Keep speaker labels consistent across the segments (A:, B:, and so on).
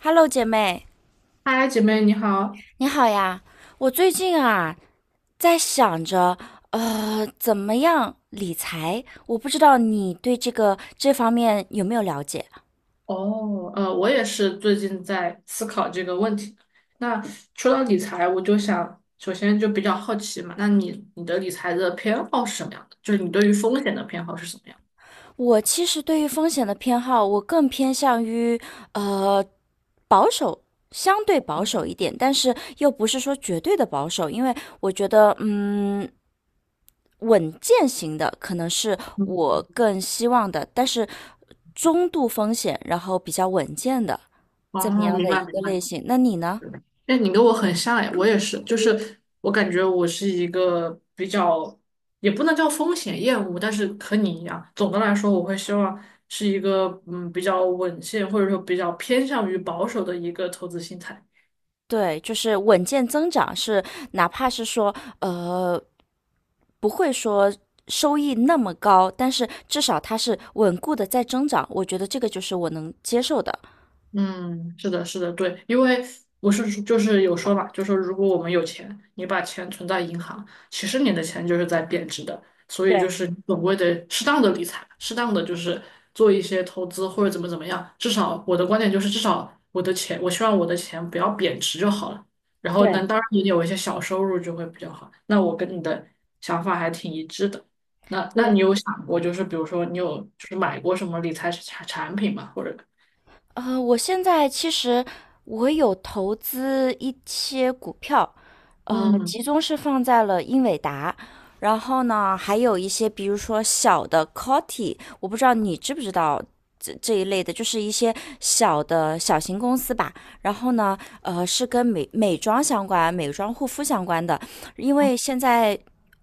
A: Hello，姐妹，
B: 嗨，姐妹你好。
A: 你好呀！我最近啊在想着，怎么样理财？我不知道你对这方面有没有了解？
B: 我也是最近在思考这个问题。那说到理财，我就想首先就比较好奇嘛，那你的理财的偏好是什么样的？就是你对于风险的偏好是什么样
A: 我其实对于风险的偏好，我更偏向于呃保守，相对保守一点，但是又不是说绝对的保守，因为我觉得，稳健型的可能是
B: 的。嗯，
A: 我更希望的，但是中度风险，然后比较稳健的。怎么
B: 哦，
A: 样
B: 明
A: 的
B: 白
A: 一个
B: 明白。
A: 类型？那你呢？
B: 哎，你跟我很像哎，我也是，就是我感觉我是一个比较，也不能叫风险厌恶，但是和你一样，总的来说，我会希望是一个比较稳健，或者说比较偏向于保守的一个投资心态。
A: 对，就是稳健增长是，哪怕是说呃不会说收益那么高，但是至少它是稳固的在增长，我觉得这个就是我能接受的。
B: 嗯，是的，是的，对，因为我是说就是有说嘛，就说如果我们有钱，你把钱存在银行，其实你的钱就是在贬值的，所以就
A: 对
B: 是你总归得适当的理财，适当的就是做一些投资或者怎么怎么样，至少我的观点就是至少我的钱，我希望我的钱不要贬值就好了，然后能
A: 对
B: 当然你有一些小收入就会比较好，那我跟你的想法还挺一致的。那
A: 对。
B: 你有想过，就是比如说你有就是买过什么理财产产品吗？或者
A: 我现在其实我有投资一些股票，
B: 嗯。
A: 集中是放在了英伟达，然后呢，还有一些比如说小的 Coty，我不知道你知不知道这一类的，就是一些小型公司吧。然后呢，是跟美妆相关、美妆护肤相关的，因为现在。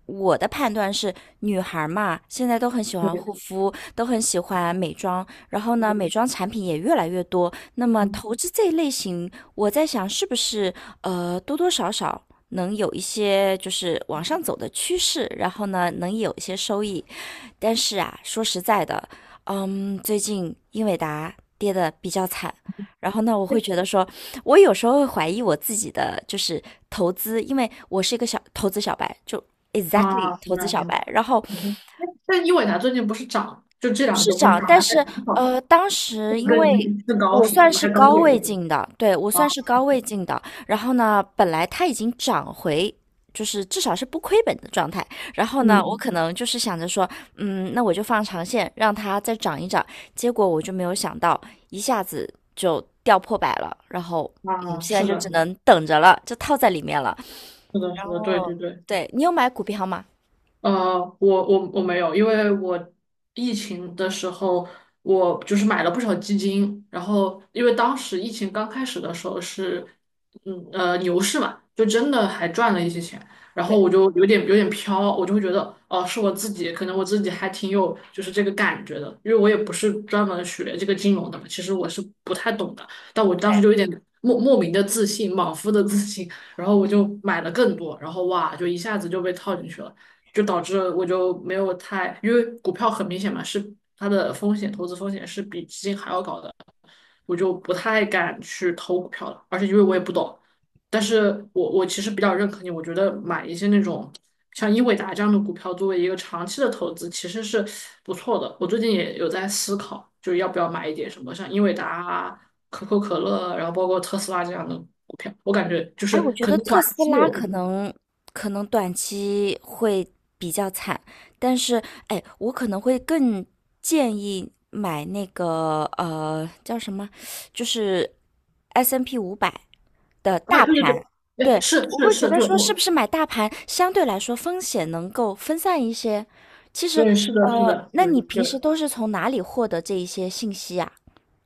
A: 我的判断是，女孩儿嘛，现在都很喜欢护肤，都很喜欢美妆，然后呢，美妆产品也越来越多。那么
B: 嗯。
A: 投资这一类型，我在想是不是多多少少能有一些就是往上走的趋势，然后呢能有一些收益。但是啊，说实在的，最近英伟达跌的比较惨。然后呢，我会觉得说，我有时候会怀疑我自己的就是投资，因为我是一个小投资小白，就 exactly
B: 啊，明
A: 投资
B: 白
A: 小
B: 明白。
A: 白。然后
B: 嗯哼。但英伟达最近不是涨了？就这两个
A: 是
B: 都不是涨
A: 涨，但
B: 了，还
A: 是
B: 挺好。
A: 当
B: 这
A: 时
B: 个
A: 因
B: 更
A: 为
B: 更高
A: 我
B: 是吧？
A: 算
B: 应
A: 是
B: 该高
A: 高位
B: 点
A: 进的，对，我
B: 啊。
A: 算是高位进的。然后呢，本来它已经涨回，就是至少是不亏本的状态。然后呢，我
B: 嗯。
A: 可能就是想着说，那我就放长线，让它再涨一涨。结果我就没有想到，一下子就掉破百了。然后，
B: 啊，
A: 现在
B: 是
A: 就只
B: 的，
A: 能等着了，就套在里面了。
B: 是的，
A: 然
B: 是的，对
A: 后，
B: 对对。
A: 对，你有买股票吗？
B: 我没有，因为我疫情的时候，我就是买了不少基金，然后因为当时疫情刚开始的时候是，牛市嘛，就真的还赚了一些钱，然后
A: 对。
B: 我就有点飘，我就会觉得哦是我自己，可能我自己还挺有就是这个感觉的，因为我也不是专门学这个金融的嘛，其实我是不太懂的，但我当时
A: 对。
B: 就有点莫名的自信，莽夫的自信，然后我就买了更多，然后哇就一下子就被套进去了。就导致我就没有太，因为股票很明显嘛，是它的风险，投资风险是比基金还要高的，我就不太敢去投股票了，而且因为我也不懂，但是我其实比较认可你，我觉得买一些那种像英伟达这样的股票作为一个长期的投资，其实是不错的。我最近也有在思考，就要不要买一点什么像英伟达啊、可口可乐啊，然后包括特斯拉这样的股票，我感觉就
A: 哎，
B: 是
A: 我觉
B: 可
A: 得
B: 能短
A: 特斯
B: 期
A: 拉
B: 有。
A: 可能短期会比较惨，但是哎，我可能会更建议买那个呃叫什么，就是 S&P N 五百的
B: 啊，
A: 大
B: 对对
A: 盘。
B: 对，哎，
A: 对，
B: 是
A: 我
B: 是
A: 会觉
B: 是，
A: 得
B: 对
A: 说是不
B: 我。
A: 是买大盘相对来说风险能够分散一些。其实
B: 对，是的，是的，
A: 那
B: 对，
A: 你
B: 对。
A: 平时都是从哪里获得这一些信息呀？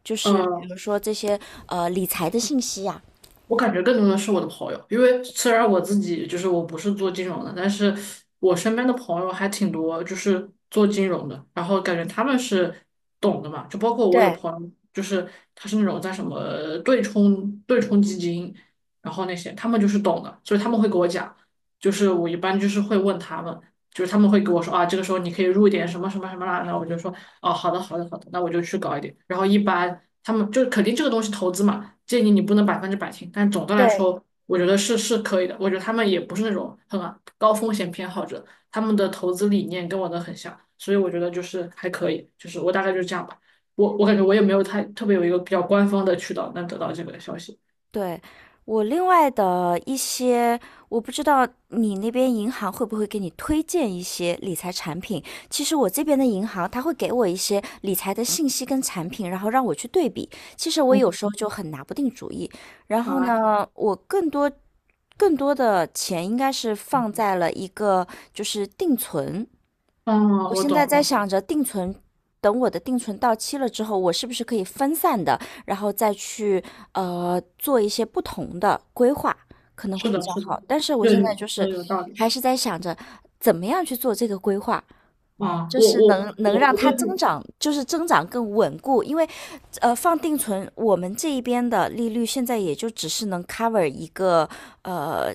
A: 就是比
B: 嗯，
A: 如说这些理财的信息呀？
B: 我感觉更多的是我的朋友，因为虽然我自己就是我不是做金融的，但是我身边的朋友还挺多，就是做金融的，然后感觉他们是懂的嘛，就包括我有
A: 对
B: 朋友，就是他是那种在什么对冲基金，然后那些他们就是懂的，所以他们会给我讲，就是我一般就是会问他们，就是他们会给我说啊，这个时候你可以入一点什么什么什么啦，然后我就说哦，好的，好的，好的，那我就去搞一点，然后一般。他们就是肯定这个东西投资嘛，建议你不能百分之百听，但总的来
A: 对，
B: 说，我觉得是可以的。我觉得他们也不是那种很高风险偏好者，他们的投资理念跟我的很像，所以我觉得就是还可以，就是我大概就是这样吧。我感觉我也没有太特别有一个比较官方的渠道能得到这个消息。
A: 对，我另外的一些，我不知道你那边银行会不会给你推荐一些理财产品。其实我这边的银行，它会给我一些理财的信息跟产品，然后让我去对比。其实我
B: 嗯。
A: 有时候就很拿不定主意。然后
B: 啊，
A: 呢，我更多的钱应该是放在了一个就是定存，
B: 嗯，
A: 我
B: 我
A: 现在
B: 懂。
A: 在想着定存，等我的定存到期了之后，我是不是可以分散的，然后再去做一些不同的规划，可能会
B: 是
A: 比
B: 的，
A: 较
B: 是的，
A: 好。但是我
B: 对，
A: 现
B: 你
A: 在就
B: 说
A: 是
B: 的有道理。
A: 还是在想着怎么样去做这个规划，
B: 啊，
A: 就
B: 我
A: 是
B: 我
A: 能
B: 我
A: 让
B: 我
A: 它
B: 最
A: 增
B: 近，
A: 长，就是增长更稳固，因为，放定存，我们这一边的利率现在也就只是能 cover 一个呃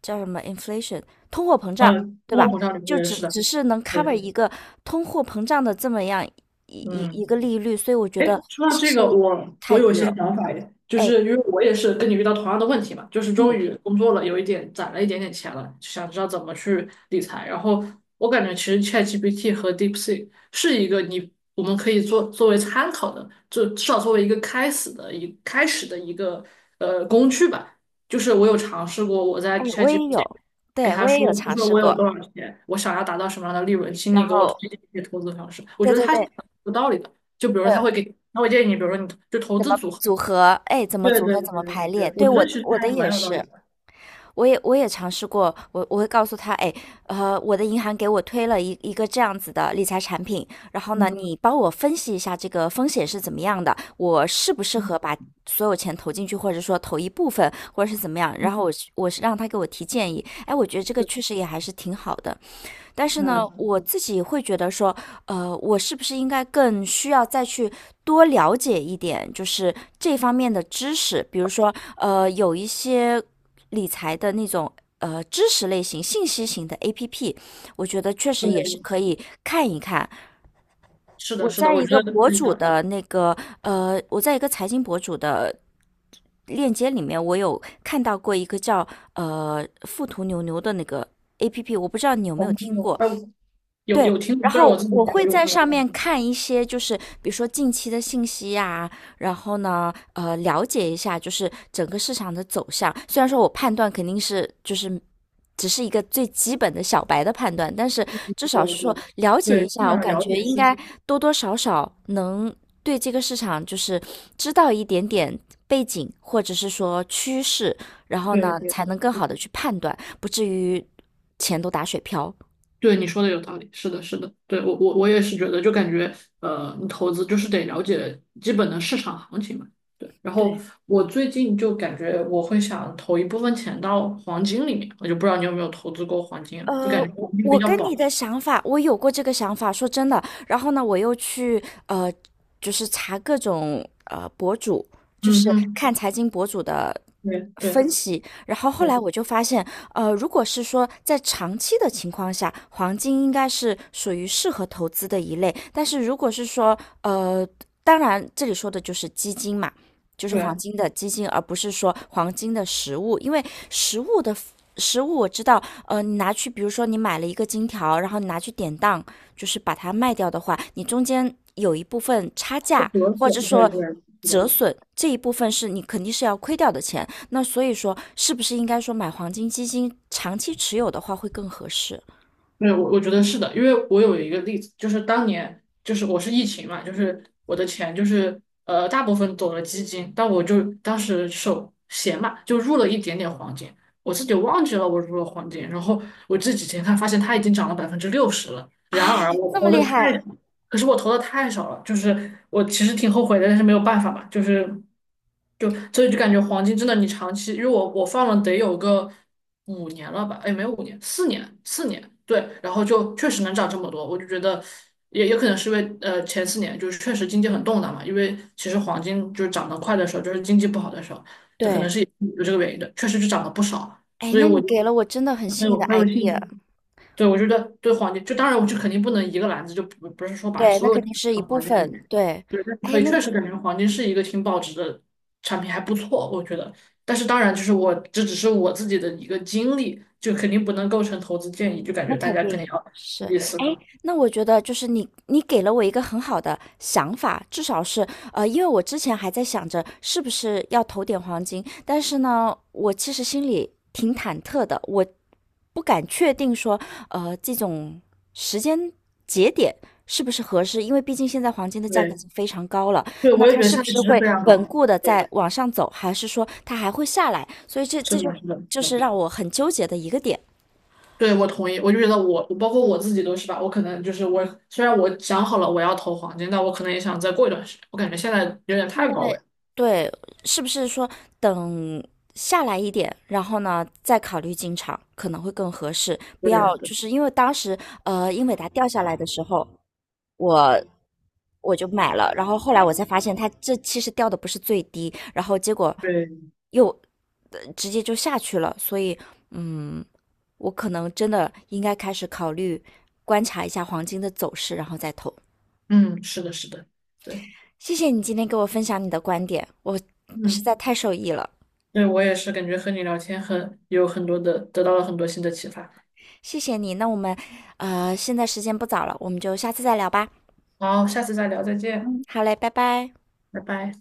A: 叫什么 inflation 通货膨胀，
B: 嗯，
A: 对
B: 通货
A: 吧？
B: 膨胀率不
A: 就
B: 也
A: 只
B: 是的，
A: 只是能 cover
B: 对，
A: 一个通货膨胀的这么样一一
B: 嗯。
A: 一个利率，所以我觉
B: 哎，
A: 得
B: 说到
A: 其
B: 这
A: 实
B: 个，我
A: 太
B: 有一
A: 低
B: 些
A: 了。
B: 想法耶，就
A: 哎
B: 是因为我也是跟你遇到同样的问题嘛，就是终于工作了，有一点攒了一点点钱了，想知道怎么去理财。然后我感觉其实 ChatGPT 和 DeepSeek 是一个我们可以做作为参考的，就至少作为一个开始的一开始的一个工具吧。就是我有尝试过，我在
A: 哎，我也
B: ChatGPT
A: 有，
B: 给
A: 对
B: 他
A: 我也
B: 说，
A: 有
B: 就
A: 尝
B: 说
A: 试
B: 我有
A: 过，
B: 多少钱，我想要达到什么样的利润，请
A: 然
B: 你给我
A: 后
B: 推荐一些投资方式。我
A: 对
B: 觉得
A: 对
B: 他是
A: 对，
B: 很有道理的。就比如说他
A: 呃，
B: 会给，他会建议你，比如说你就投
A: 怎么
B: 资组合。
A: 组合？哎，怎么
B: 对
A: 组
B: 对
A: 合？怎
B: 对
A: 么
B: 对，
A: 排列？
B: 对我
A: 对
B: 觉
A: 我
B: 得其实
A: 我的
B: 还
A: 也
B: 蛮有道理
A: 是。
B: 的。
A: 我也尝试过，我会告诉他，哎，我的银行给我推了一个这样子的理财产品，然后呢，
B: 嗯。
A: 你帮我分析一下这个风险是怎么样的，我适不适
B: 嗯，
A: 合把所有钱投进去，或者说投一部分，或者是怎么样，然后我是让他给我提建议，哎，我觉得这个
B: 对，
A: 确实也还是挺好的，但是呢，
B: 嗯。
A: 我自己会觉得说，我是不是应该更需要再去多了解一点，就是这方面的知识，比如说，有一些理财的那种。知识类型、信息型的 APP，我觉得确实也是
B: 对，
A: 可以看一看。
B: 是的，是的，我觉得是的。
A: 我在一个财经博主的链接里面，我有看到过一个叫“富途牛牛”的那个 APP，我不知道你有没
B: 哦，
A: 有听过。
B: 哎，有
A: 对，
B: 有听，
A: 然
B: 虽然我
A: 后
B: 自己没
A: 我会
B: 有用
A: 在
B: 这个，
A: 上面
B: 嗯。
A: 看一些，就是比如说近期的信息呀、然后呢，了解一下就是整个市场的走向。虽然说我判断肯定是就是只是一个最基本的小白的判断，但是至少是
B: 对
A: 说
B: 对
A: 了解一
B: 对，这
A: 下，我
B: 样
A: 感
B: 了解
A: 觉应
B: 市
A: 该
B: 场。
A: 多多少少能对这个市场就是知道一点点背景，或者是说趋势，然后
B: 对
A: 呢，
B: 对。
A: 才能更好的去判断，不至于钱都打水漂。
B: 对你说的有道理，是的，是的，对，我也是觉得，就感觉你投资就是得了解基本的市场行情嘛。对，然后
A: 对。
B: 我最近就感觉我会想投一部分钱到黄金里面，我就不知道你有没有投资过黄金啊，就感觉
A: 我
B: 黄金比
A: 我
B: 较
A: 跟
B: 保
A: 你的
B: 值。
A: 想法，我有过这个想法，说真的。然后呢，我又去就是查各种呃博主，就
B: 嗯
A: 是
B: 哼。
A: 看财经博主的
B: 对对
A: 分析。然后后
B: 对
A: 来我就发现，如果是说在长期的情况下，黄金应该是属于适合投资的一类。但是如果是说呃，当然这里说的就是基金嘛，就是
B: 对，
A: 黄金的基金，而不是说黄金的实物，因为实物的实物我知道，你拿去，比如说你买了一个金条，然后你拿去典当，就是把它卖掉的话，你中间有一部分差
B: 会
A: 价，
B: 折
A: 或者
B: 损，对
A: 说
B: 对，是的。
A: 折损这一部分是你肯定是要亏掉的钱。那所以说，是不是应该说买黄金基金长期持有的话会更合适
B: 没有，我觉得是的，因为我有一个例子，就是当年就是我是疫情嘛，就是我的钱就是大部分走了基金，但我就当时手闲嘛，就入了一点点黄金，我自己忘记了我入了黄金，然后我这几天看发现它已经涨了60%了，
A: 啊？
B: 然而我
A: 这么
B: 投的
A: 厉
B: 太。
A: 害，
B: 可是我投的太少了，就是我其实挺后悔的，但是没有办法嘛，就是就所以就感觉黄金真的你长期，因为我放了得有个五年了吧，哎，没有5年，四年，四年，对，然后就确实能涨这么多，我就觉得也可能是因为前4年就是确实经济很动荡嘛，因为其实黄金就是涨得快的时候，就是经济不好的时候，这可能
A: 对，
B: 是有这个原因的，确实就涨了不少，
A: 哎，
B: 所以
A: 那
B: 我
A: 你
B: 就
A: 给了我真的很
B: 很
A: 新颖
B: 有
A: 的
B: 很有信
A: idea。
B: 心。对，我觉得对黄金，就当然我就肯定不能一个篮子，就不是说把
A: 对，那
B: 所有
A: 肯
B: 的
A: 定是一
B: 放到
A: 部
B: 黄金里
A: 分。
B: 面。
A: 对，
B: 对，但是
A: 哎，
B: 可以
A: 那
B: 确实感觉黄金是一个挺保值的产品，还不错，我觉得。但是当然，就是我这只是我自己的一个经历，就肯定不能构成投资建议，就感
A: 那
B: 觉大
A: 肯
B: 家肯定
A: 定
B: 要
A: 是，
B: 自己思
A: 哎，
B: 考。
A: 那我觉得就是你，你给了我一个很好的想法，至少是，因为我之前还在想着是不是要投点黄金，但是呢，我其实心里挺忐忑的，我不敢确定说，这种时间节点是不是合适，因为毕竟现在黄金的价格已
B: 对，
A: 经非常高了，
B: 对，
A: 那
B: 我也
A: 它
B: 觉得
A: 是不
B: 现在
A: 是
B: 值是
A: 会
B: 非常
A: 稳
B: 高。
A: 固的在
B: 对，
A: 往上走，还是说它还会下来？所以这
B: 是
A: 这就
B: 的，是的，是
A: 就
B: 的。
A: 是让我很纠结的一个点。
B: 对，我同意。我就觉得我，我包括我自己都是吧。我可能就是我，虽然我想好了我要投黄金，但我可能也想再过一段时间。我感觉现在有点
A: 现
B: 太高位
A: 在
B: 了。
A: 对，是不是说等下来一点，然后呢再考虑进场可能会更合适？不
B: 对
A: 要
B: 对。
A: 就是因为当时英伟达掉下来的时候，我我就买了，然后后来我才发现它这其实掉的不是最低，然后结果
B: 对，
A: 又直接就下去了，所以嗯，我可能真的应该开始考虑观察一下黄金的走势，然后再投。
B: 嗯，是的，是的，对，
A: 谢谢你今天给我分享你的观点，我实在
B: 嗯，
A: 太受益了，
B: 对我也是感觉和你聊天很有很多的，得到了很多新的启发。
A: 谢谢你。那我们，现在时间不早了，我们就下次再聊吧。
B: 好，下次再聊，再见，
A: 好嘞，拜拜。
B: 拜拜。